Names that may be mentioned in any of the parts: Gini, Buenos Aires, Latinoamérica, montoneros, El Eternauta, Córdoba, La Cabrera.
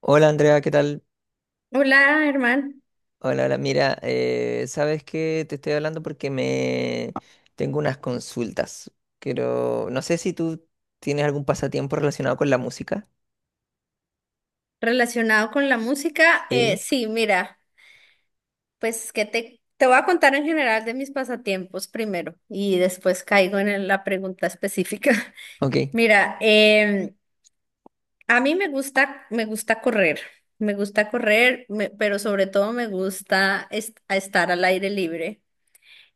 Hola, Andrea, ¿qué tal? Hola, hermano. Hola, hola. Mira, sabes que te estoy hablando porque me tengo unas consultas. Quiero, no sé si tú tienes algún pasatiempo relacionado con la música. Relacionado con la música, Sí. sí, mira, pues que te voy a contar en general de mis pasatiempos primero y después caigo en la pregunta específica. Ok, Mira, a mí me gusta correr, me gusta correr, pero sobre todo me gusta estar al aire libre.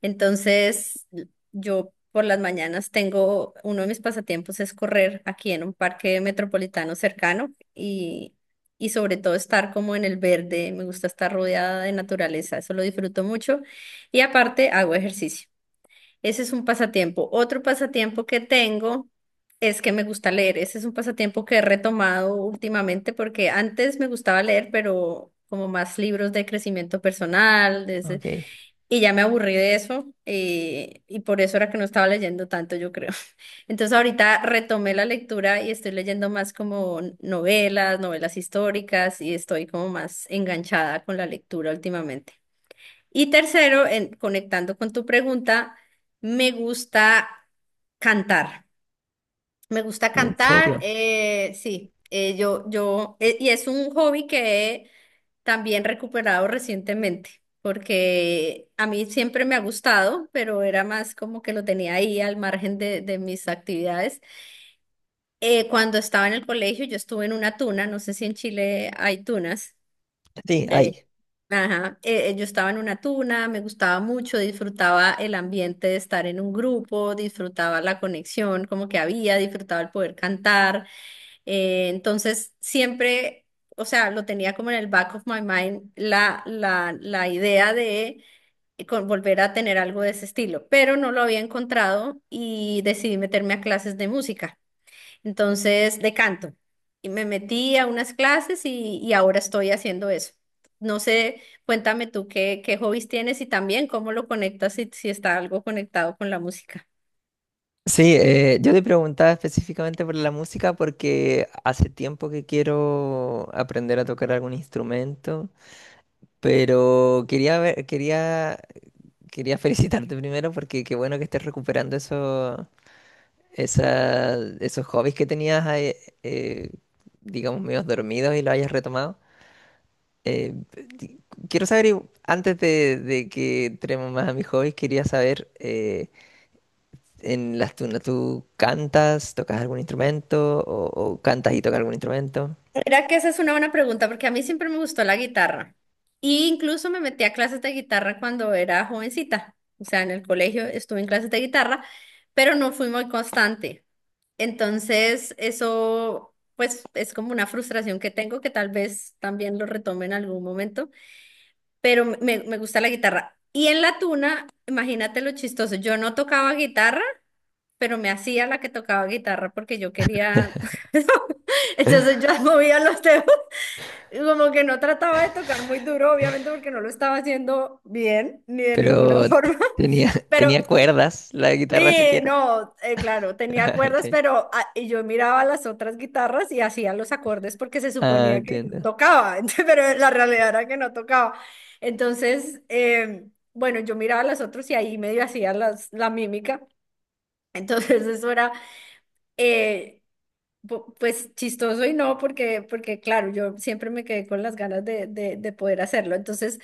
Entonces, yo por las mañanas tengo, uno de mis pasatiempos es correr aquí en un parque metropolitano cercano y sobre todo estar como en el verde, me gusta estar rodeada de naturaleza, eso lo disfruto mucho y aparte hago ejercicio. Ese es un pasatiempo. Otro pasatiempo que tengo es que me gusta leer. Ese es un pasatiempo que he retomado últimamente porque antes me gustaba leer, pero como más libros de crecimiento personal, ok. y ya me aburrí de eso, y por eso era que no estaba leyendo tanto, yo creo. Entonces ahorita retomé la lectura y estoy leyendo más como novelas, novelas históricas, y estoy como más enganchada con la lectura últimamente. Y tercero, conectando con tu pregunta, me gusta cantar. Me gusta ¿En cantar, serio? Sí, y es un hobby que he también recuperado recientemente, porque a mí siempre me ha gustado, pero era más como que lo tenía ahí al margen de mis actividades. Cuando estaba en el colegio, yo estuve en una tuna, no sé si en Chile hay tunas. Sí, eh, ahí. ajá, yo estaba en una tuna, me gustaba mucho, disfrutaba el ambiente de estar en un grupo, disfrutaba la conexión como que había, disfrutaba el poder cantar. Entonces, siempre, o sea, lo tenía como en el back of my mind la idea de volver a tener algo de ese estilo, pero no lo había encontrado y decidí meterme a clases de música. Entonces, de canto. Y me metí a unas clases y ahora estoy haciendo eso. No sé, cuéntame tú qué hobbies tienes y también cómo lo conectas si, si está algo conectado con la música. Sí, yo te preguntaba específicamente por la música porque hace tiempo que quiero aprender a tocar algún instrumento, pero quería ver, quería, quería felicitarte primero porque qué bueno que estés recuperando eso esa, esos hobbies que tenías, ahí, eh, digamos, medios dormidos y lo hayas retomado. Eh, di- Quiero saber, antes de que entremos más a mis hobbies, quería saber, en las tunas, ¿tú cantas, tocas algún instrumento o cantas y tocas algún instrumento? Era que esa es una buena pregunta porque a mí siempre me gustó la guitarra. Y incluso me metí a clases de guitarra cuando era jovencita. O sea, en el colegio estuve en clases de guitarra, pero no fui muy constante. Entonces, eso pues es como una frustración que tengo que tal vez también lo retome en algún momento, pero me gusta la guitarra. Y en la tuna, imagínate lo chistoso, yo no tocaba guitarra, pero me hacía la que tocaba guitarra porque yo quería. Entonces yo movía los dedos como que no trataba de tocar muy duro, obviamente porque no lo estaba haciendo bien, ni de ninguna Pero forma, tenía, tenía pero cuerdas, la guitarra sí, siquiera. no, claro, tenía Ah, cuerdas, ok. pero ah, y yo miraba las otras guitarras y hacía los acordes porque se Ah, suponía que yo entiendo. tocaba, pero la realidad era que no tocaba. Entonces, bueno, yo miraba a las otras y ahí medio hacía la mímica, entonces eso era... eh, pues chistoso y no, porque, porque claro, yo siempre me quedé con las ganas de poder hacerlo. Entonces,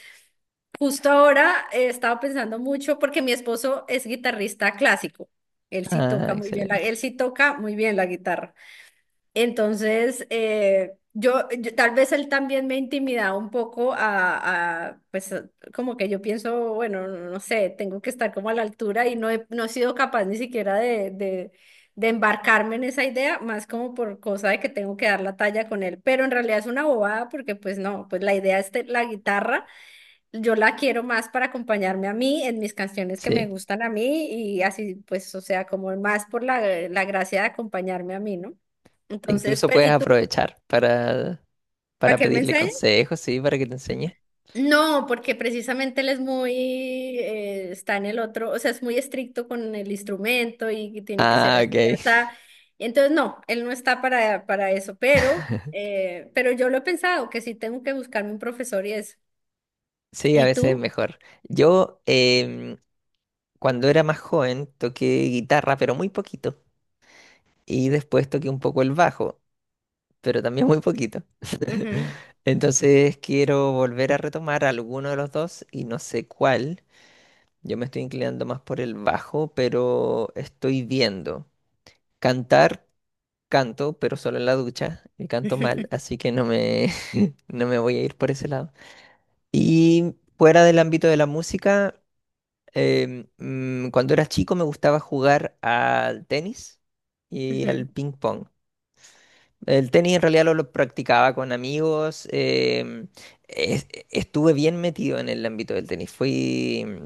justo ahora he estado pensando mucho porque mi esposo es guitarrista clásico. Ah, excelente. Él sí toca muy bien la guitarra. Entonces, tal vez él también me intimidaba un poco pues como que yo pienso, bueno, no, no sé, tengo que estar como a la altura y no he sido capaz ni siquiera de embarcarme en esa idea, más como por cosa de que tengo que dar la talla con él, pero en realidad es una bobada porque pues no, pues la idea es la guitarra yo la quiero más para acompañarme a mí en mis canciones que me Sí, gustan a mí y así, pues, o sea, como más por la gracia de acompañarme a mí, ¿no? Entonces, incluso pero, puedes ¿y tú? aprovechar ¿Para para qué él me pedirle enseña? consejos, sí, para que te enseñe. No, porque precisamente él es está en el otro, o sea, es muy estricto con el instrumento y que tiene que ser Ah, así, ok. o sea, entonces no, él no está para eso, pero yo lo he pensado, que sí tengo que buscarme un profesor y eso. Sí, a ¿Y veces es tú? mejor. Yo, cuando era más joven, toqué guitarra, pero muy poquito. Y después toqué un poco el bajo, pero también muy poquito. Ujú. Entonces quiero volver a retomar alguno de los dos y no sé cuál. Yo me estoy inclinando más por el bajo, pero estoy viendo. Cantar, canto, pero solo en la ducha y canto mal, así que no me, no me voy a ir por ese lado. Y fuera del ámbito de la música. Cuando era chico me gustaba jugar al tenis y al ping pong. El tenis en realidad lo practicaba con amigos. Estuve bien metido en el ámbito del tenis. Fui, mm,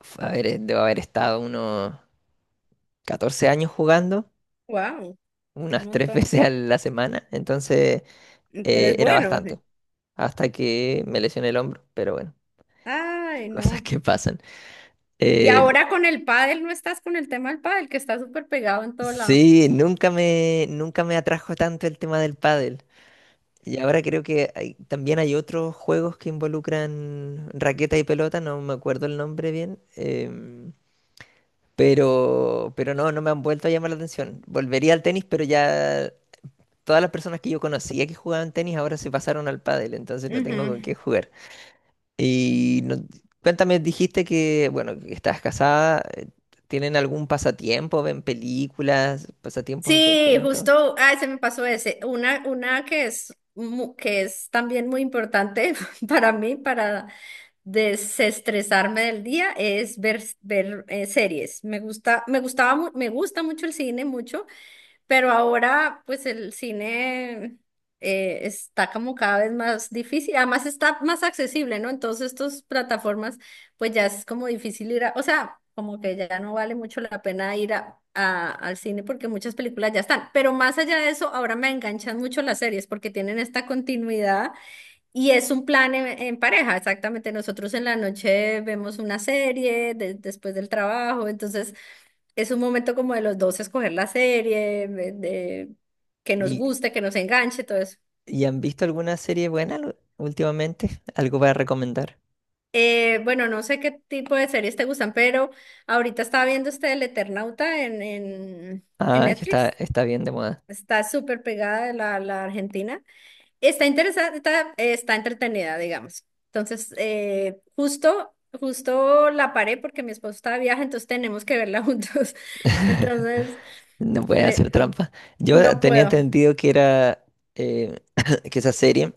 f- A ver, debo haber estado unos 14 años jugando, Wow. Un unas tres montón. veces a la semana. Entonces Eres era bueno. bastante. Hasta que me lesioné el hombro, pero bueno, Ay, cosas no. que pasan. Y Eh. ahora con el pádel, no estás con el tema del pádel, que está súper pegado en todo lado. Sí, nunca me, nunca me atrajo tanto el tema del pádel. Y ahora creo que también hay otros juegos que involucran raqueta y pelota, no me acuerdo el nombre bien, pero no, no me han vuelto a llamar la atención. Volvería al tenis, pero ya todas las personas que yo conocía que jugaban tenis ahora se pasaron al pádel, entonces no tengo con qué Ujú. jugar. Y no- Cuéntame, dijiste que, bueno, que estás casada, ¿tienen algún pasatiempo? ¿Ven películas, pasatiempos en Sí, conjunto? justo, ay, se me pasó ese. Una que es, que es también muy importante para mí, para desestresarme del día, es ver series. Me gusta, me gustaba, mu- me gusta mucho el cine, mucho. Pero ahora, pues el cine está como cada vez más difícil, además está más accesible, ¿no? Entonces, estas plataformas, pues ya es como difícil ir a, o sea, como que ya no vale mucho la pena ir a, al cine porque muchas películas ya están. Pero más allá de eso, ahora me enganchan mucho las series porque tienen esta continuidad y es un plan en pareja, exactamente. Nosotros en la noche vemos una serie después del trabajo, entonces es un momento como de los dos escoger la serie, que nos ¿Y, guste, que nos enganche, todo eso. y han visto alguna serie buena últimamente? ¿Algo para recomendar? Bueno, no sé qué tipo de series te gustan, pero ahorita estaba viendo este El Eternauta en Ah, es que está, Netflix. está bien de moda. Está súper pegada de la Argentina. Está interesante, está, está entretenida, digamos. Entonces, justo, justo la paré porque mi esposo está de viaje, entonces tenemos que verla juntos. Entonces, No puede hacer eh, trampa. Yo no tenía puedo. entendido que era eh, que esa serie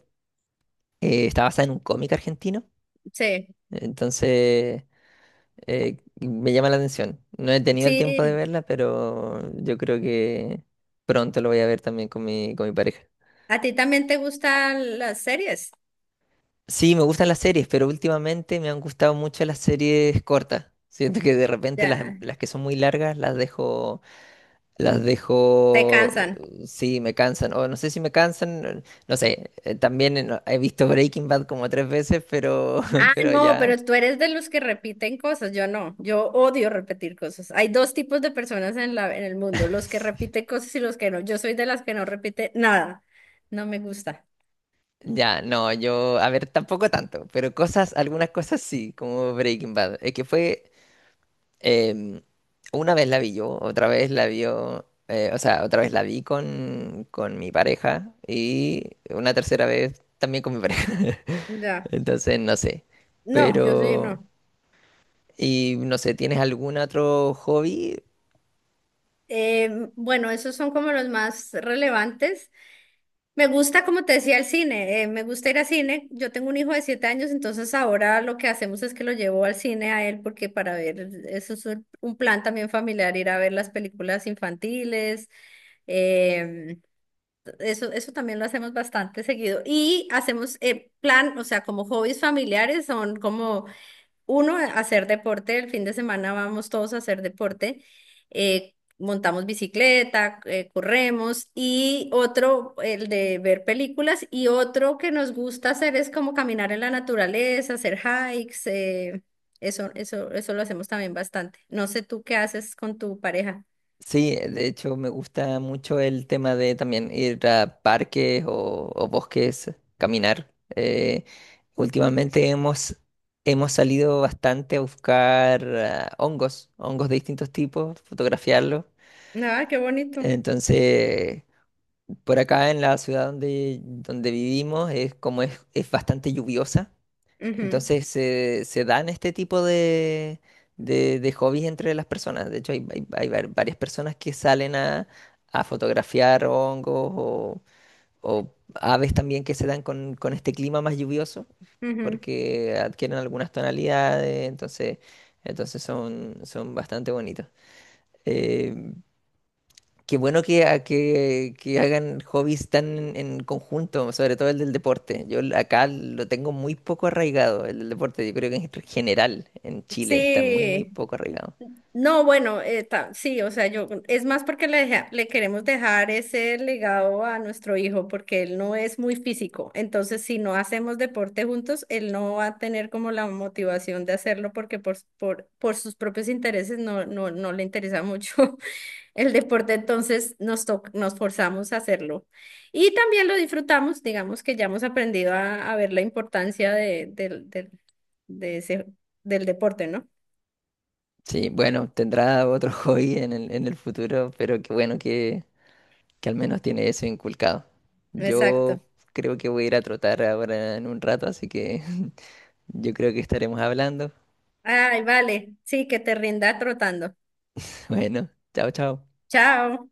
está basada en un cómic argentino. Sí, Entonces me llama la atención. No he tenido el tiempo de sí. verla, pero yo creo que pronto lo voy a ver también con mi pareja. ¿A ti también te gustan las series? Sí, me gustan las series, pero últimamente me han gustado mucho las series cortas. Siento que de repente Ya, las que son muy largas las dejo. Las te dejo, cansan. sí, me cansan, o no sé si me cansan, no sé, también he visto Breaking Bad como 3 veces, pero, Ah, pero no, pero ya, tú eres de los que repiten cosas, yo no, yo odio repetir cosas. Hay dos tipos de personas en la, en el mundo, los que repiten cosas y los que no. Yo soy de las que no repite nada, no me gusta. ya, no, yo, a ver, tampoco tanto, pero cosas, algunas cosas sí, como Breaking Bad, es que fue, em, una vez la vi yo, otra vez la vio, o sea, otra vez la vi con mi pareja y una tercera vez también con mi pareja. Ya, Entonces no sé, no, yo sí, pero... no. Y no sé, ¿tienes algún otro hobby? Eh, bueno, esos son como los más relevantes. Me gusta, como te decía, el cine. Eh, me gusta ir al cine. Yo tengo un hijo de 7 años, entonces ahora lo que hacemos es que lo llevo al cine a él porque para ver, eso es un plan también familiar, ir a ver las películas infantiles. em, Eso, eso también lo hacemos bastante seguido. Y hacemos plan, o sea, como hobbies familiares son como uno, hacer deporte, el fin de semana vamos todos a hacer deporte, montamos bicicleta, corremos y otro, el de ver películas y otro que nos gusta hacer es como caminar en la naturaleza, hacer hikes, eso, eso, eso lo hacemos también bastante. No sé tú qué haces con tu pareja. Sí, de hecho me gusta mucho el tema de también ir a parques o bosques, caminar. Últimamente hemos, hemos salido bastante a buscar ah, hongos, hongos de distintos tipos, fotografiarlos. Ah, qué bonito. Entonces, por acá en la ciudad donde, donde vivimos es como es bastante lluviosa. Ujú, Entonces se se dan este tipo de hobbies entre las personas. De hecho, hay, varias personas que salen a fotografiar hongos o aves también que se dan con este clima más lluvioso, ujú. porque adquieren algunas tonalidades, entonces, entonces son, son bastante bonitos. Eh. Qué bueno que, que hagan hobbies tan en conjunto, sobre todo el del deporte. Yo acá lo tengo muy poco arraigado, el del deporte. Yo creo que en general en Chile está muy, muy Sí. poco arraigado. No, bueno, sí, o sea, yo es más porque le queremos dejar ese legado a nuestro hijo porque él no es muy físico. Entonces, si no hacemos deporte juntos, él no va a tener como la motivación de hacerlo porque por sus propios intereses no, no le interesa mucho el deporte. Entonces, nos forzamos a hacerlo. Y también lo disfrutamos, digamos que ya hemos aprendido a ver la importancia de ese, del deporte, ¿no? Sí, bueno, tendrá otro hobby en el futuro, pero qué bueno que al menos tiene eso inculcado. Exacto. Yo creo que voy a ir a trotar ahora en un rato, así que yo creo que estaremos hablando. Ay, vale. Sí, que te rinda trotando. Bueno, chao, chao. Chao.